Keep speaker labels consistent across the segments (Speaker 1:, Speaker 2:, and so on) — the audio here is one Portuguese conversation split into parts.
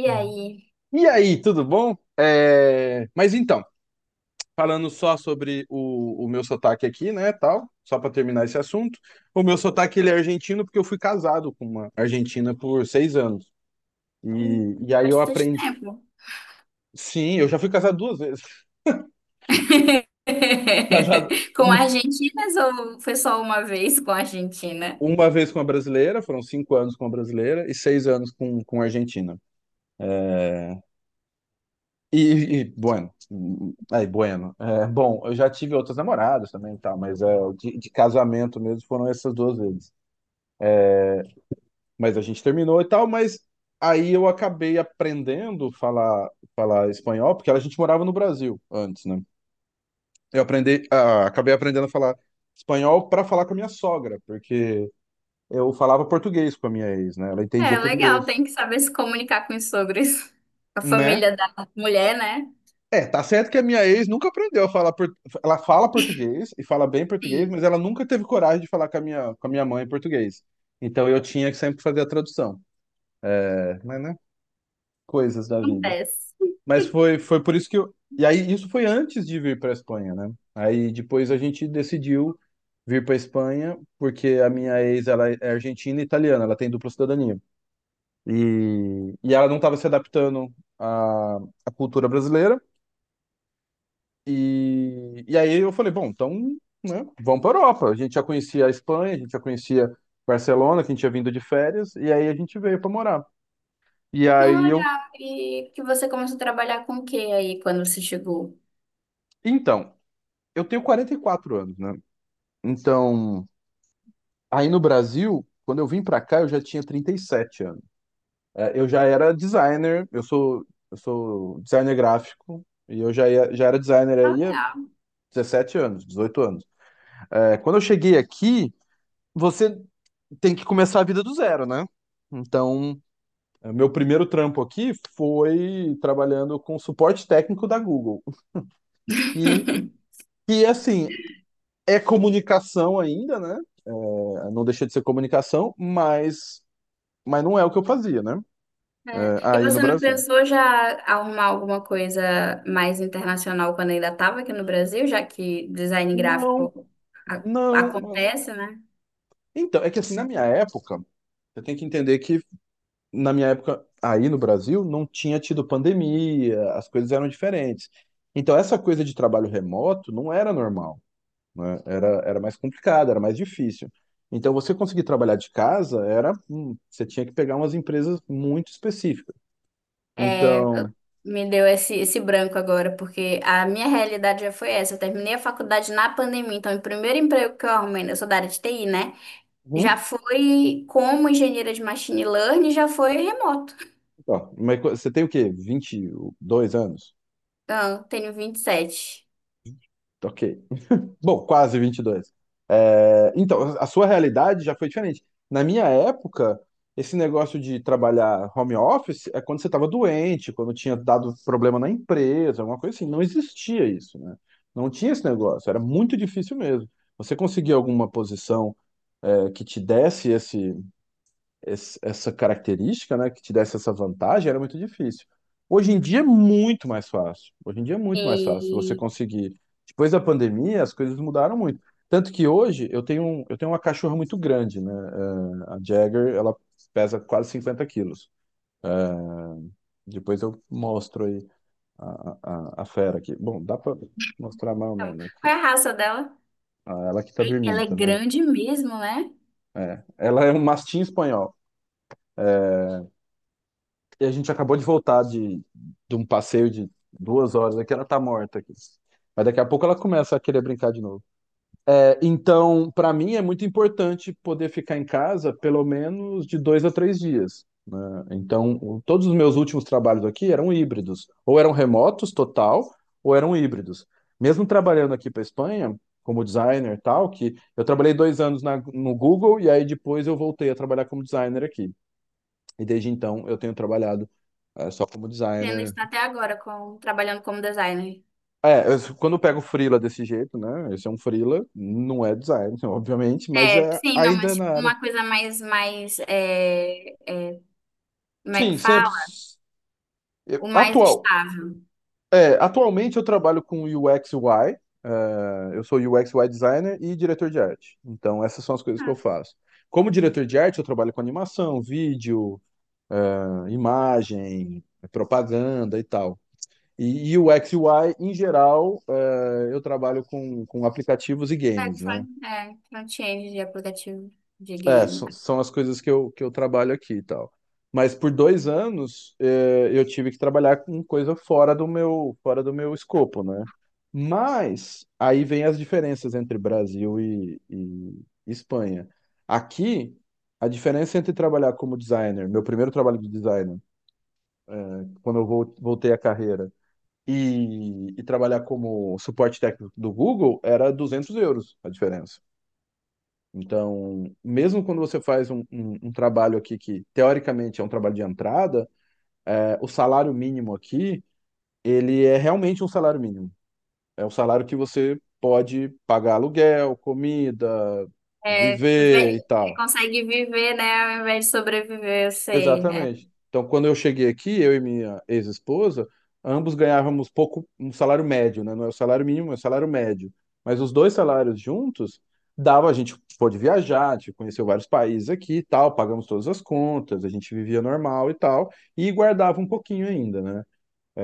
Speaker 1: E
Speaker 2: Hum.
Speaker 1: aí?
Speaker 2: E aí, tudo bom? É, mas então, falando só sobre o meu sotaque aqui, né, tal, só para terminar esse assunto, o meu sotaque ele é argentino porque eu fui casado com uma argentina por seis anos.
Speaker 1: Hum,
Speaker 2: E aí eu
Speaker 1: Bastante
Speaker 2: aprendi.
Speaker 1: tempo.
Speaker 2: Sim, eu já fui casado duas vezes. Casado
Speaker 1: Com
Speaker 2: uma,
Speaker 1: argentinas ou foi só uma vez com a Argentina?
Speaker 2: uma vez com uma brasileira, foram 5 anos com uma brasileira e 6 anos com uma argentina. E, e bueno, aí, bueno. É, bom, eu já tive outras namoradas também e tal, mas é, de casamento mesmo foram essas duas vezes. Mas a gente terminou e tal, mas aí eu acabei aprendendo falar espanhol, porque a gente morava no Brasil antes, né? Eu aprendi, acabei aprendendo a falar espanhol para falar com a minha sogra, porque eu falava português com a minha ex, né? Ela
Speaker 1: É
Speaker 2: entendia
Speaker 1: legal,
Speaker 2: português,
Speaker 1: tem que saber se comunicar com os sogros. A
Speaker 2: né?
Speaker 1: família da mulher, né?
Speaker 2: É, tá certo que a minha ex nunca aprendeu a falar por... ela fala português e fala bem português,
Speaker 1: Sim,
Speaker 2: mas ela nunca teve coragem de falar com a minha mãe em português. Então eu tinha que sempre fazer a tradução. É, mas né? Coisas da vida.
Speaker 1: acontece.
Speaker 2: Mas foi por isso que eu. E aí, isso foi antes de vir para a Espanha, né? Aí depois a gente decidiu vir para a Espanha, porque a minha ex, ela é argentina e italiana, ela tem dupla cidadania. E ela não estava se adaptando à cultura brasileira. E aí eu falei, bom, então, né, vamos para a Europa. A gente já conhecia a Espanha, a gente já conhecia Barcelona, que a gente tinha vindo de férias, e aí a gente veio para morar. E
Speaker 1: Não,
Speaker 2: aí eu.
Speaker 1: legal. E que você começou a trabalhar com o que aí quando você chegou?
Speaker 2: Então, eu tenho 44 anos, né? Então. Aí no Brasil, quando eu vim pra cá, eu já tinha 37 anos. É, eu já era designer, eu sou designer gráfico, e eu já, já era designer
Speaker 1: Ah,
Speaker 2: aí há
Speaker 1: legal.
Speaker 2: 17 anos, 18 anos. É, quando eu cheguei aqui, você tem que começar a vida do zero, né? Então, é, meu primeiro trampo aqui foi trabalhando com suporte técnico da Google, que, que assim, é comunicação ainda, né? É, não deixa de ser comunicação, mas não é o que eu fazia, né?
Speaker 1: É.
Speaker 2: É,
Speaker 1: E
Speaker 2: aí no
Speaker 1: você não
Speaker 2: Brasil.
Speaker 1: pensou já arrumar alguma coisa mais internacional quando ainda estava aqui no Brasil, já que design
Speaker 2: Não,
Speaker 1: gráfico
Speaker 2: não.
Speaker 1: acontece, né?
Speaker 2: Então, é que assim, na minha época, você tem que entender que na minha época, aí no Brasil, não tinha tido pandemia, as coisas eram diferentes. Então, essa coisa de trabalho remoto não era normal, né? Era mais complicado, era mais difícil. Então, você conseguir trabalhar de casa era, você tinha que pegar umas empresas muito específicas.
Speaker 1: É,
Speaker 2: Então,
Speaker 1: Me deu esse branco agora, porque a minha realidade já foi essa. Eu terminei a faculdade na pandemia, então o primeiro emprego que eu arrumei, né? Eu sou da área de TI, né? Já
Speaker 2: hum,
Speaker 1: foi como engenheira de machine learning, já foi remoto.
Speaker 2: ó, mas você tem o quê? 22 anos?
Speaker 1: Então, tenho 27.
Speaker 2: Ok. Bom, quase 22. É, então, a sua realidade já foi diferente. Na minha época, esse negócio de trabalhar home office é quando você estava doente, quando tinha dado problema na empresa, alguma coisa assim. Não existia isso, né? Não tinha esse negócio. Era muito difícil mesmo. Você conseguir alguma posição, é, que te desse esse, essa característica, né, que te desse essa vantagem, era muito difícil. Hoje em dia é muito mais fácil. Hoje em dia é
Speaker 1: E
Speaker 2: muito
Speaker 1: sete.
Speaker 2: mais fácil você
Speaker 1: E
Speaker 2: conseguir. Depois da pandemia, as coisas mudaram muito. Tanto que hoje eu tenho, eu tenho uma cachorra muito grande, né? A Jagger, ela pesa quase 50 quilos. Depois eu mostro aí a fera aqui. Bom, dá pra mostrar mais ou
Speaker 1: então,
Speaker 2: menos aqui.
Speaker 1: qual é a raça dela?
Speaker 2: Ah, ela que tá
Speaker 1: Ei, ela
Speaker 2: dormindo,
Speaker 1: é
Speaker 2: tá vendo?
Speaker 1: grande mesmo, né?
Speaker 2: É. Ela é um mastim espanhol. E a gente acabou de voltar de um passeio de 2 horas aqui, ela tá morta aqui. Mas daqui a pouco ela começa a querer brincar de novo. É, então, para mim é muito importante poder ficar em casa pelo menos de 2 a 3 dias, né? Então, todos os meus últimos trabalhos aqui eram híbridos, ou eram remotos total, ou eram híbridos. Mesmo trabalhando aqui para Espanha, como designer e tal, que eu trabalhei 2 anos no Google e aí depois eu voltei a trabalhar como designer aqui. E desde então eu tenho trabalhado só como
Speaker 1: Você ainda
Speaker 2: designer.
Speaker 1: está até agora com, trabalhando como designer.
Speaker 2: É, quando eu pego freela desse jeito, né? Esse é um freela, não é design, obviamente, mas
Speaker 1: É,
Speaker 2: é
Speaker 1: sim, não,
Speaker 2: ainda
Speaker 1: mas tipo,
Speaker 2: na área.
Speaker 1: uma coisa mais, mais, como é que
Speaker 2: Sim, sempre.
Speaker 1: fala? O mais
Speaker 2: Atual.
Speaker 1: estável.
Speaker 2: É, atualmente eu trabalho com UX UI. Eu sou UX UI designer e diretor de arte. Então, essas são as coisas que eu faço. Como diretor de arte, eu trabalho com animação, vídeo, imagem, propaganda e tal. E o U X e UI, em geral, é, eu trabalho com aplicativos e
Speaker 1: É
Speaker 2: games, né?
Speaker 1: front, front-end de aplicativo de
Speaker 2: É,
Speaker 1: game.
Speaker 2: são as coisas que eu trabalho aqui e tal. Mas por 2 anos, é, eu tive que trabalhar com coisa fora do meu escopo, né? Mas aí vem as diferenças entre Brasil e Espanha. Aqui, a diferença entre trabalhar como designer, meu primeiro trabalho de designer, é, quando eu voltei à carreira, e trabalhar como suporte técnico do Google era 200 euros a diferença. Então, mesmo quando você faz um, um trabalho aqui que teoricamente é um trabalho de entrada, é, o salário mínimo aqui, ele é realmente um salário mínimo. É um salário que você pode pagar aluguel, comida,
Speaker 1: É,
Speaker 2: viver
Speaker 1: ve-
Speaker 2: e
Speaker 1: É,
Speaker 2: tal.
Speaker 1: consegue viver, né, ao invés de sobreviver, eu sei. É
Speaker 2: Exatamente. Então, quando eu cheguei aqui, eu e minha ex-esposa, ambos ganhávamos pouco, um salário médio, né? Não é o salário mínimo, é o salário médio. Mas os dois salários juntos dava, a gente pôde viajar, a gente conheceu vários países aqui e tal, pagamos todas as contas, a gente vivia normal e tal, e guardava um pouquinho ainda, né?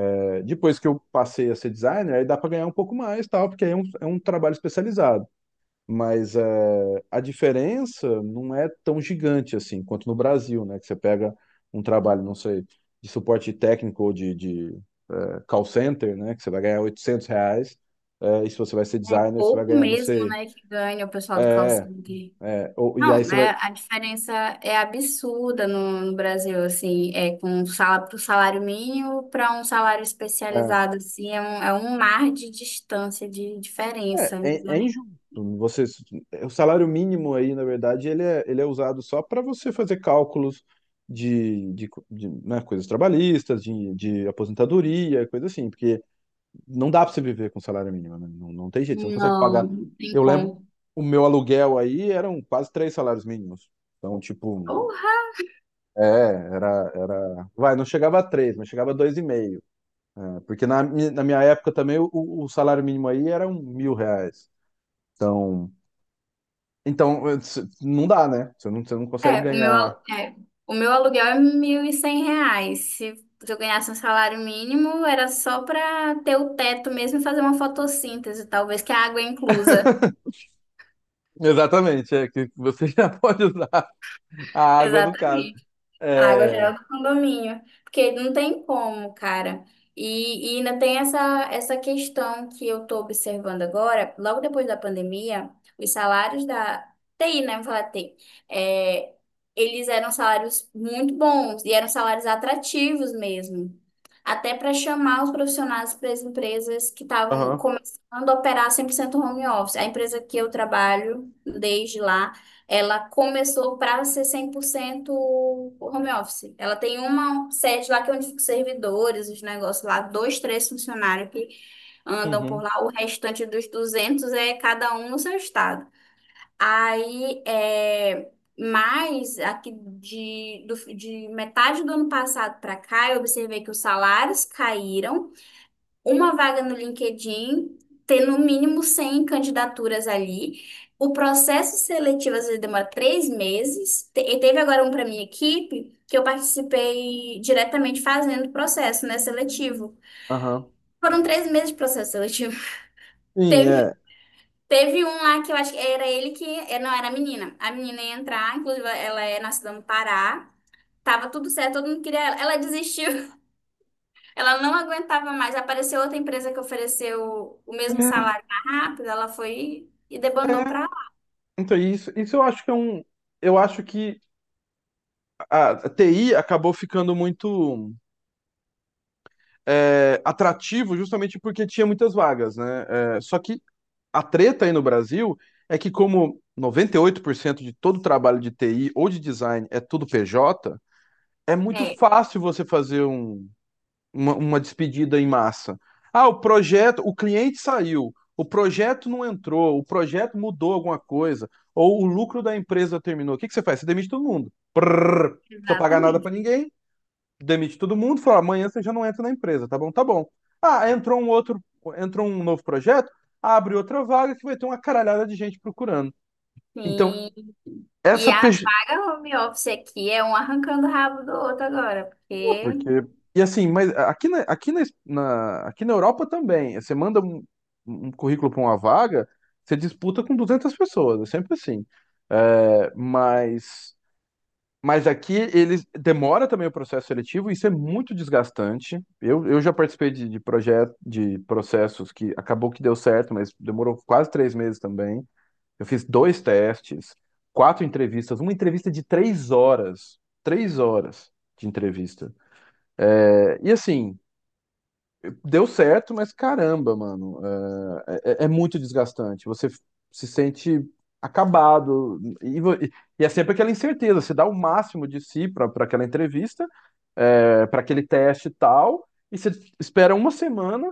Speaker 2: É, depois que eu passei a ser designer, aí dá para ganhar um pouco mais, tal, porque aí é um trabalho especializado. Mas é, a diferença não é tão gigante assim quanto no Brasil, né? Que você pega um trabalho, não sei, de suporte técnico ou de é, call center, né? Que você vai ganhar 800 reais. É, e se você vai ser
Speaker 1: é
Speaker 2: designer, você vai
Speaker 1: pouco
Speaker 2: ganhar, não
Speaker 1: mesmo,
Speaker 2: sei.
Speaker 1: né, que ganha o pessoal do call
Speaker 2: É,
Speaker 1: center.
Speaker 2: e aí
Speaker 1: Não,
Speaker 2: você vai.
Speaker 1: é, a diferença é absurda no no Brasil, assim, é com sala para o salário mínimo para um salário
Speaker 2: É,
Speaker 1: especializado, assim, é um mar de distância, de diferença,
Speaker 2: é, é
Speaker 1: né?
Speaker 2: injusto. Você, o salário mínimo aí, na verdade, ele é usado só para você fazer cálculos de, né, coisas trabalhistas, de aposentadoria, coisa assim, porque não dá para você viver com salário mínimo, né? Não, não tem jeito, você não consegue
Speaker 1: Não,
Speaker 2: pagar.
Speaker 1: não tem
Speaker 2: Eu lembro,
Speaker 1: como.
Speaker 2: o meu aluguel aí eram quase 3 salários mínimos. Então, tipo,
Speaker 1: Porra!
Speaker 2: é, era. Vai, não chegava a três, mas chegava a 2,5. É, porque na minha época também o salário mínimo aí era 1.000 reais. Então, então, não dá, né? Você não consegue
Speaker 1: É, o meu,
Speaker 2: ganhar.
Speaker 1: alu- é, o meu aluguel é R$ 1.100. Se eu ganhasse um salário mínimo, era só para ter o teto mesmo e fazer uma fotossíntese, talvez, que a água é inclusa.
Speaker 2: Exatamente, é que você já pode usar a água no caso.
Speaker 1: Exatamente. A água
Speaker 2: É.
Speaker 1: geral do condomínio, porque não tem como, cara. E ainda tem essa questão que eu tô observando agora, logo depois da pandemia, os salários da TI, né? Vou falar TI, é, eles eram salários muito bons e eram salários atrativos mesmo. Até para chamar os profissionais para as empresas que estavam
Speaker 2: Aham.
Speaker 1: começando a operar 100% home office. A empresa que eu trabalho desde lá. Ela começou para ser 100% home office. Ela tem uma sede lá que é onde ficam os servidores, os negócios lá, dois, três funcionários que andam por
Speaker 2: Uhum.
Speaker 1: lá. O restante dos 200 é cada um no seu estado. Aí, é, mas aqui de, de metade do ano passado para cá, eu observei que os salários caíram, uma vaga no LinkedIn, ter no mínimo 100 candidaturas ali. O processo seletivo às vezes demora três meses. E teve agora um para minha equipe que eu participei diretamente fazendo o processo, né, seletivo.
Speaker 2: Aham.
Speaker 1: Foram três meses de processo seletivo.
Speaker 2: Sim,
Speaker 1: Teve teve um lá que eu acho que era ele que. Não, era a menina. A menina ia entrar, inclusive ela é nascida no Pará. Tava tudo certo, todo mundo queria ela. Ela desistiu. Ela não aguentava mais. Apareceu outra empresa que ofereceu o mesmo salário mais rápido, ela foi e debandou para
Speaker 2: é.
Speaker 1: lá.
Speaker 2: Então, isso eu acho que é um. Eu acho que a TI acabou ficando muito é, atrativo justamente porque tinha muitas vagas, né? É, só que a treta aí no Brasil é que, como 98% de todo trabalho de TI ou de design é tudo PJ, é muito
Speaker 1: É,
Speaker 2: fácil você fazer um, uma despedida em massa. Ah, o projeto, o cliente saiu, o projeto não entrou, o projeto mudou alguma coisa, ou o lucro da empresa terminou. O que que você faz? Você demite todo mundo. Prrr, não precisa pagar nada para
Speaker 1: exatamente.
Speaker 2: ninguém, demite todo mundo, fala, amanhã você já não entra na empresa, tá bom? Tá bom. Ah, entrou um novo projeto, abre outra vaga que vai ter uma caralhada de gente procurando. Então,
Speaker 1: Sim. E
Speaker 2: essa,
Speaker 1: a vaga home office aqui é um arrancando o rabo do outro agora,
Speaker 2: é,
Speaker 1: porque.
Speaker 2: porque. E assim, mas aqui na Europa também. Você manda um currículo para uma vaga, você disputa com 200 pessoas, é sempre assim. É, mas aqui eles demora também o processo seletivo, isso é muito desgastante. Eu já participei de projetos, de processos que acabou que deu certo, mas demorou quase 3 meses também. Eu fiz dois testes, quatro entrevistas, uma entrevista de 3 horas. 3 horas de entrevista. É, e assim, deu certo, mas caramba, mano, é muito desgastante. Você se sente acabado. E é sempre aquela incerteza. Você dá o máximo de si para aquela entrevista, é, para aquele teste e tal, e você espera uma semana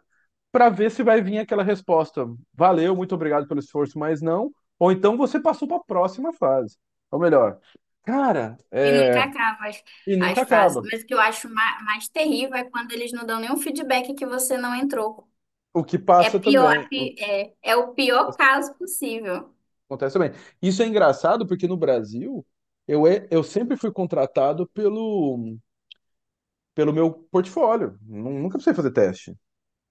Speaker 2: para ver se vai vir aquela resposta. Valeu, muito obrigado pelo esforço, mas não. Ou então você passou para a próxima fase. Ou melhor, cara,
Speaker 1: E nunca
Speaker 2: é,
Speaker 1: acaba as,
Speaker 2: e
Speaker 1: as
Speaker 2: nunca
Speaker 1: fases.
Speaker 2: acaba.
Speaker 1: Mas o que eu acho mais mais terrível é quando eles não dão nenhum feedback que você não entrou.
Speaker 2: O que
Speaker 1: É
Speaker 2: passa
Speaker 1: pior,
Speaker 2: também.
Speaker 1: é, é o pior caso possível.
Speaker 2: Acontece também. Isso é engraçado porque no Brasil eu sempre fui contratado pelo meu portfólio. Nunca precisei fazer teste.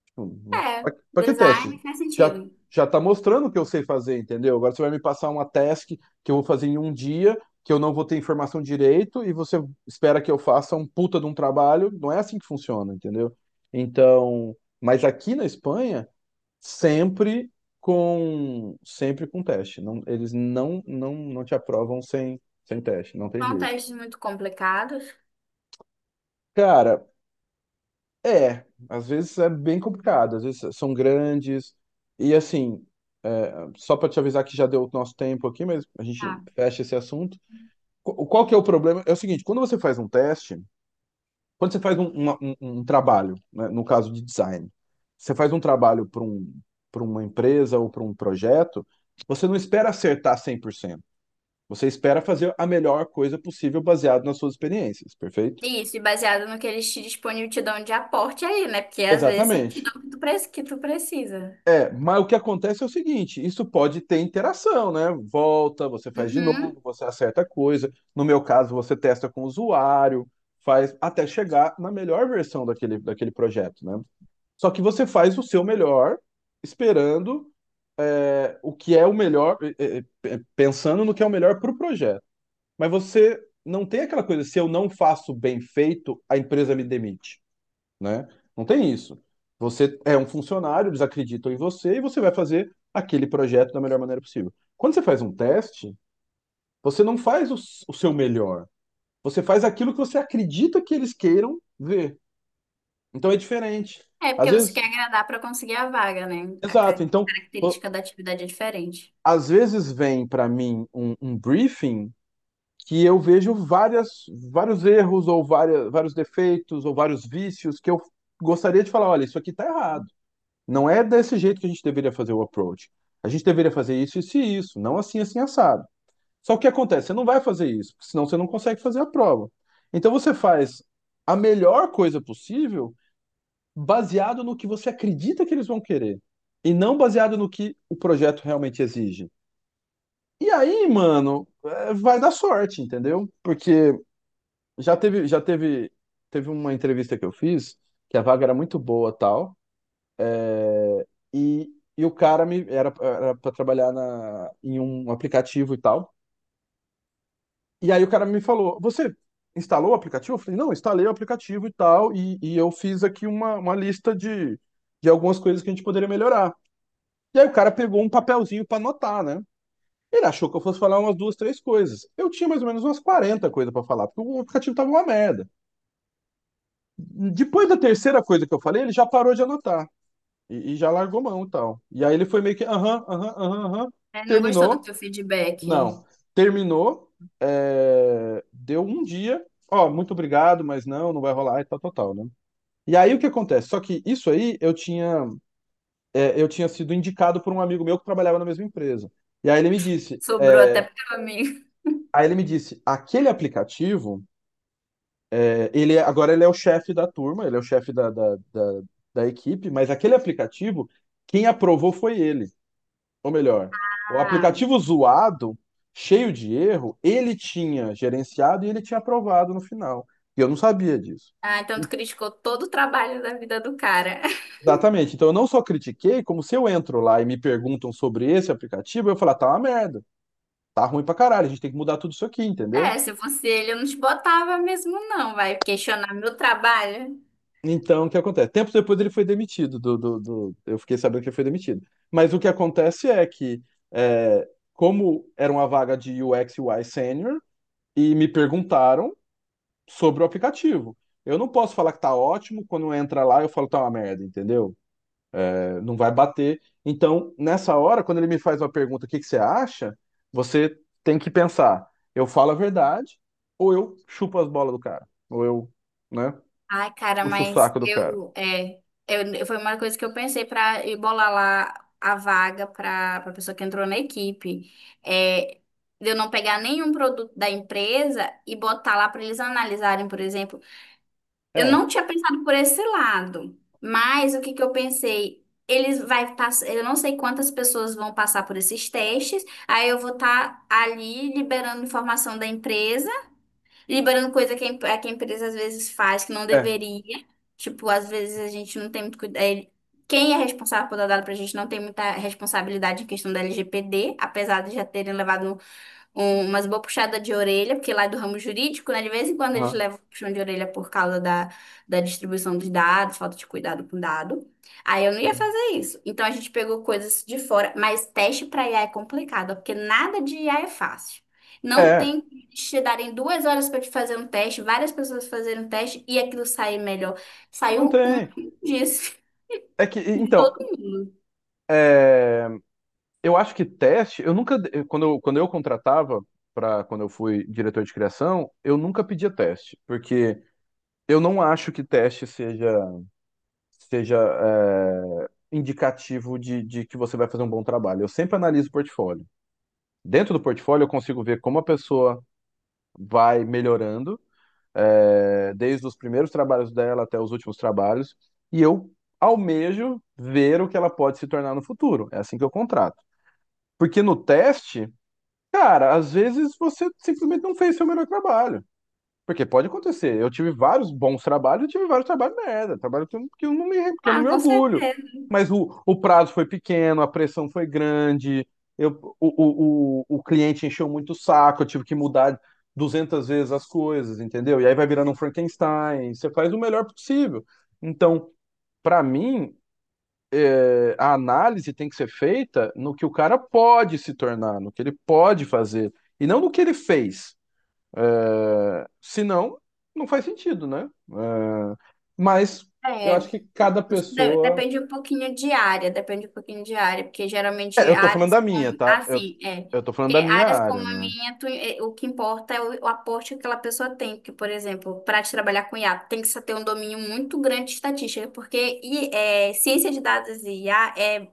Speaker 2: Tipo,
Speaker 1: É,
Speaker 2: pra que
Speaker 1: design
Speaker 2: teste?
Speaker 1: faz sentido.
Speaker 2: Já, já tá mostrando o que eu sei fazer, entendeu? Agora você vai me passar uma task que eu vou fazer em um dia, que eu não vou ter informação direito, e você espera que eu faça um puta de um trabalho. Não é assim que funciona, entendeu? Então, mas aqui na Espanha sempre com teste. Não, eles não te aprovam sem teste, não tem
Speaker 1: São
Speaker 2: jeito.
Speaker 1: testes muito complicados.
Speaker 2: Cara, às vezes é bem complicado, às vezes são grandes e assim, é, só para te avisar que já deu o nosso tempo aqui, mas a gente fecha esse assunto. Qual que é o problema? É o seguinte, quando você faz um teste, quando você faz um trabalho, né, no caso de design, você faz um trabalho para um, para uma empresa ou para um projeto, você não espera acertar cem por cento. Você espera fazer a melhor coisa possível baseado nas suas experiências, perfeito?
Speaker 1: Isso, e baseado no que eles te disponível te dão de aporte aí, né? Porque às vezes não te
Speaker 2: Exatamente.
Speaker 1: dão o que que tu precisa.
Speaker 2: É, mas o que acontece é o seguinte: isso pode ter interação, né? Volta, você faz de novo,
Speaker 1: Uhum.
Speaker 2: você acerta a coisa. No meu caso, você testa com o usuário, faz até chegar na melhor versão daquele projeto, né? Só que você faz o seu melhor, esperando o que é o melhor, pensando no que é o melhor para o projeto. Mas você não tem aquela coisa: se eu não faço bem feito, a empresa me demite, né? Não tem isso. Você é um funcionário, eles acreditam em você e você vai fazer aquele projeto da melhor maneira possível. Quando você faz um teste, você não faz o seu melhor. Você faz aquilo que você acredita que eles queiram ver. Então é diferente.
Speaker 1: É
Speaker 2: Às
Speaker 1: porque você
Speaker 2: vezes,
Speaker 1: quer agradar para conseguir a vaga, né?
Speaker 2: exato. Então, pô,
Speaker 1: Característica da atividade é diferente.
Speaker 2: às vezes vem para mim um briefing que eu vejo vários erros ou vários defeitos ou vários vícios que eu gostaria de falar: olha, isso aqui tá errado. Não é desse jeito que a gente deveria fazer o approach. A gente deveria fazer isso, isso e isso, não assim, assim, assado. Só que o que acontece? Você não vai fazer isso, porque senão você não consegue fazer a prova. Então você faz a melhor coisa possível baseado no que você acredita que eles vão querer, e não baseado no que o projeto realmente exige. E aí, mano, vai dar sorte, entendeu? Porque já teve, já teve, teve uma entrevista que eu fiz que a vaga era muito boa, tal. E, e o era para trabalhar em um aplicativo e tal. E aí o cara me falou: "Você instalou o aplicativo?" Eu falei: "Não, instalei o aplicativo e tal. E eu fiz aqui uma lista de algumas coisas que a gente poderia melhorar." E aí o cara pegou um papelzinho para anotar, né? Ele achou que eu fosse falar umas duas, três coisas. Eu tinha mais ou menos umas 40 coisas para falar, porque o aplicativo tava uma merda. Depois da terceira coisa que eu falei, ele já parou de anotar. E já largou mão e tal. E aí ele foi meio que aham, aham, aham, aham.
Speaker 1: É, não gostou do
Speaker 2: Terminou?
Speaker 1: teu feedback?
Speaker 2: Não. Terminou, é, deu um dia, ó, muito obrigado, mas não, não vai rolar e tal, tal, tal, né? E aí o que acontece? Só que isso aí eu tinha, é, eu tinha sido indicado por um amigo meu que trabalhava na mesma empresa. E aí ele me disse,
Speaker 1: Sobrou até para mim.
Speaker 2: aí ele me disse, aquele aplicativo, é, agora ele é o chefe da turma, ele é o chefe da equipe, mas aquele aplicativo, quem aprovou foi ele. Ou melhor, o
Speaker 1: Ah,
Speaker 2: aplicativo zoado, cheio de erro, ele tinha gerenciado e ele tinha aprovado no final. E eu não sabia disso.
Speaker 1: ah, então tu criticou todo o trabalho da vida do cara.
Speaker 2: Exatamente. Então eu não só critiquei, como se eu entro lá e me perguntam sobre esse aplicativo, eu falo: "Ah, tá uma merda, tá ruim pra caralho, a gente tem que mudar tudo isso aqui, entendeu?"
Speaker 1: É, se fosse ele, eu não te botava mesmo, não. Vai questionar meu trabalho.
Speaker 2: Então, o que acontece? Tempos depois ele foi demitido eu fiquei sabendo que ele foi demitido. Mas o que acontece é que, é, como era uma vaga de UX UI sênior, e me perguntaram sobre o aplicativo. Eu não posso falar que tá ótimo, quando entra lá eu falo tá uma merda, entendeu? É, não vai bater. Então, nessa hora, quando ele me faz uma pergunta, o que que você acha? Você tem que pensar: eu falo a verdade ou eu chupo as bolas do cara? Ou eu, né,
Speaker 1: Ai, cara,
Speaker 2: puxo o
Speaker 1: mas
Speaker 2: saco do cara?
Speaker 1: eu, foi uma coisa que eu pensei pra ir bolar lá a vaga pra a pessoa que entrou na equipe. É, de eu não pegar nenhum produto da empresa e botar lá pra eles analisarem, por exemplo. Eu
Speaker 2: É,
Speaker 1: não tinha pensado por esse lado, mas o que que eu pensei? Eles vai passar, eu não sei quantas pessoas vão passar por esses testes, aí eu vou estar ali liberando informação da empresa. Liberando coisa que é que a empresa às vezes faz que não
Speaker 2: é,
Speaker 1: deveria. Tipo, às vezes a gente não tem muito cuidado. Quem é responsável por dar dado pra gente não tem muita responsabilidade em questão da LGPD, apesar de já terem levado umas boas puxadas de orelha, porque lá é do ramo jurídico, né? De vez em quando eles
Speaker 2: aham,
Speaker 1: levam puxão de orelha por causa da da distribuição dos dados, falta de cuidado com dado. Aí eu não ia
Speaker 2: uhum.
Speaker 1: fazer isso. Então a gente pegou coisas de fora, mas teste para IA é complicado, ó, porque nada de IA é fácil. Não
Speaker 2: É,
Speaker 1: tem que eles te darem 2 horas para te fazer um teste, várias pessoas fazerem um teste e aquilo sair melhor.
Speaker 2: não
Speaker 1: Saiu um
Speaker 2: tem.
Speaker 1: disso.
Speaker 2: É que, então, é, eu acho que teste, eu nunca, quando eu contratava, pra, quando eu fui diretor de criação, eu nunca pedia teste, porque eu não acho que teste seja, indicativo de que você vai fazer um bom trabalho. Eu sempre analiso o portfólio. Dentro do portfólio, eu consigo ver como a pessoa vai melhorando, é, desde os primeiros trabalhos dela até os últimos trabalhos, e eu almejo ver o que ela pode se tornar no futuro. É assim que eu contrato. Porque no teste, cara, às vezes você simplesmente não fez seu melhor trabalho. Porque pode acontecer. Eu tive vários bons trabalhos, eu tive vários trabalhos merda. Trabalho que eu não me, que eu não
Speaker 1: Ah,
Speaker 2: me
Speaker 1: com
Speaker 2: orgulho.
Speaker 1: certeza.
Speaker 2: Mas o prazo foi pequeno, a pressão foi grande, eu, o cliente encheu muito o saco, eu tive que mudar 200 vezes as coisas, entendeu? E aí vai virando um Frankenstein. Você faz o melhor possível. Então, para mim, a análise tem que ser feita no que o cara pode se tornar, no que ele pode fazer, e não no que ele fez. É, se não, não faz sentido, né? É, mas eu
Speaker 1: é
Speaker 2: acho que cada
Speaker 1: Isso
Speaker 2: pessoa.
Speaker 1: depende um pouquinho de área, depende um pouquinho de área, porque geralmente
Speaker 2: É, eu tô falando
Speaker 1: áreas
Speaker 2: da minha,
Speaker 1: como,
Speaker 2: tá?
Speaker 1: assim,
Speaker 2: Eu tô falando
Speaker 1: porque
Speaker 2: da minha
Speaker 1: áreas
Speaker 2: área,
Speaker 1: como a
Speaker 2: né?
Speaker 1: minha, o que importa é o aporte que aquela pessoa tem, porque, por exemplo, para te trabalhar com IA, tem que se ter um domínio muito grande de estatística, porque ciência de dados e IA é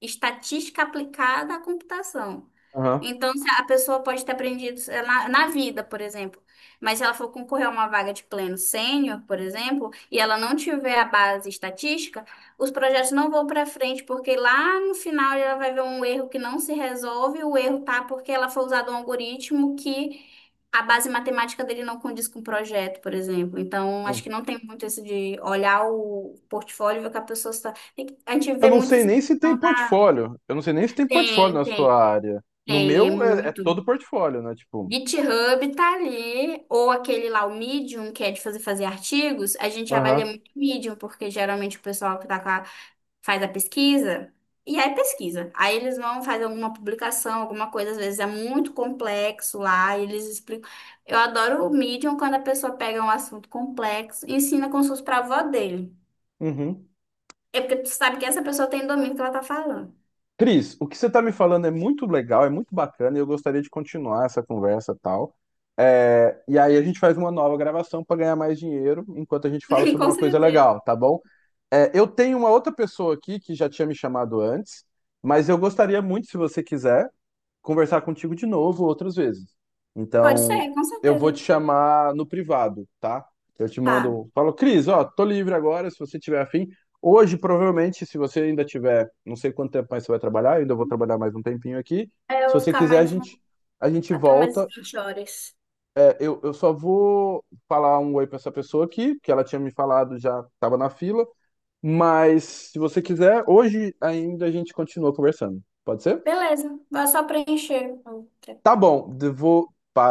Speaker 1: estatística aplicada à computação.
Speaker 2: Aham.
Speaker 1: Então, se a pessoa pode ter aprendido sei lá, na vida, por exemplo. Mas se ela for concorrer a uma vaga de pleno sênior, por exemplo, e ela não tiver a base estatística, os projetos não vão para frente, porque lá no final ela vai ver um erro que não se resolve, o erro tá porque ela foi usada um algoritmo que a base matemática dele não condiz com o projeto, por exemplo. Então, acho que
Speaker 2: Sim.
Speaker 1: não tem muito isso de olhar o portfólio e ver o que a pessoa está. A gente
Speaker 2: Eu
Speaker 1: vê
Speaker 2: não
Speaker 1: muito
Speaker 2: sei
Speaker 1: essa
Speaker 2: nem se tem
Speaker 1: questão da.
Speaker 2: portfólio. Eu não sei nem se tem portfólio
Speaker 1: Tem,
Speaker 2: na sua
Speaker 1: tem,
Speaker 2: área. No
Speaker 1: Tem, é
Speaker 2: meu é, é
Speaker 1: muito.
Speaker 2: todo portfólio, né? Tipo.
Speaker 1: GitHub tá ali, ou aquele lá, o Medium, que é de fazer, fazer artigos, a gente avalia
Speaker 2: Aham.
Speaker 1: muito o Medium, porque geralmente o pessoal que tá faz a pesquisa, e aí pesquisa. Aí eles vão fazer alguma publicação, alguma coisa, às vezes é muito complexo lá, e eles explicam. Eu adoro o Medium quando a pessoa pega um assunto complexo e ensina como se fosse pra avó dele.
Speaker 2: Uhum.
Speaker 1: É porque tu sabe que essa pessoa tem domínio do que ela tá falando.
Speaker 2: Cris, o que você está me falando é muito legal, é muito bacana e eu gostaria de continuar essa conversa e tal. É, e aí a gente faz uma nova gravação para ganhar mais dinheiro enquanto a gente fala sobre
Speaker 1: Com
Speaker 2: uma coisa
Speaker 1: certeza.
Speaker 2: legal, tá bom? É, eu tenho uma outra pessoa aqui que já tinha me chamado antes, mas eu gostaria muito, se você quiser, conversar contigo de novo outras vezes.
Speaker 1: Pode
Speaker 2: Então,
Speaker 1: ser, com
Speaker 2: eu vou te
Speaker 1: certeza.
Speaker 2: chamar no privado, tá? Eu te
Speaker 1: Tá.
Speaker 2: mando, falo: "Cris, ó, tô livre agora, se você tiver afim." Hoje, provavelmente, se você ainda tiver, não sei quanto tempo mais você vai trabalhar, eu ainda vou trabalhar mais um tempinho aqui.
Speaker 1: É, eu
Speaker 2: Se
Speaker 1: vou
Speaker 2: você
Speaker 1: ficar
Speaker 2: quiser,
Speaker 1: mais
Speaker 2: a gente
Speaker 1: até mais
Speaker 2: volta.
Speaker 1: 20 horas.
Speaker 2: É, eu só vou falar um oi pra essa pessoa aqui, que ela tinha me falado, já tava na fila. Mas, se você quiser, hoje ainda a gente continua conversando. Pode ser?
Speaker 1: Beleza, vai só preencher.
Speaker 2: Tá bom, eu vou,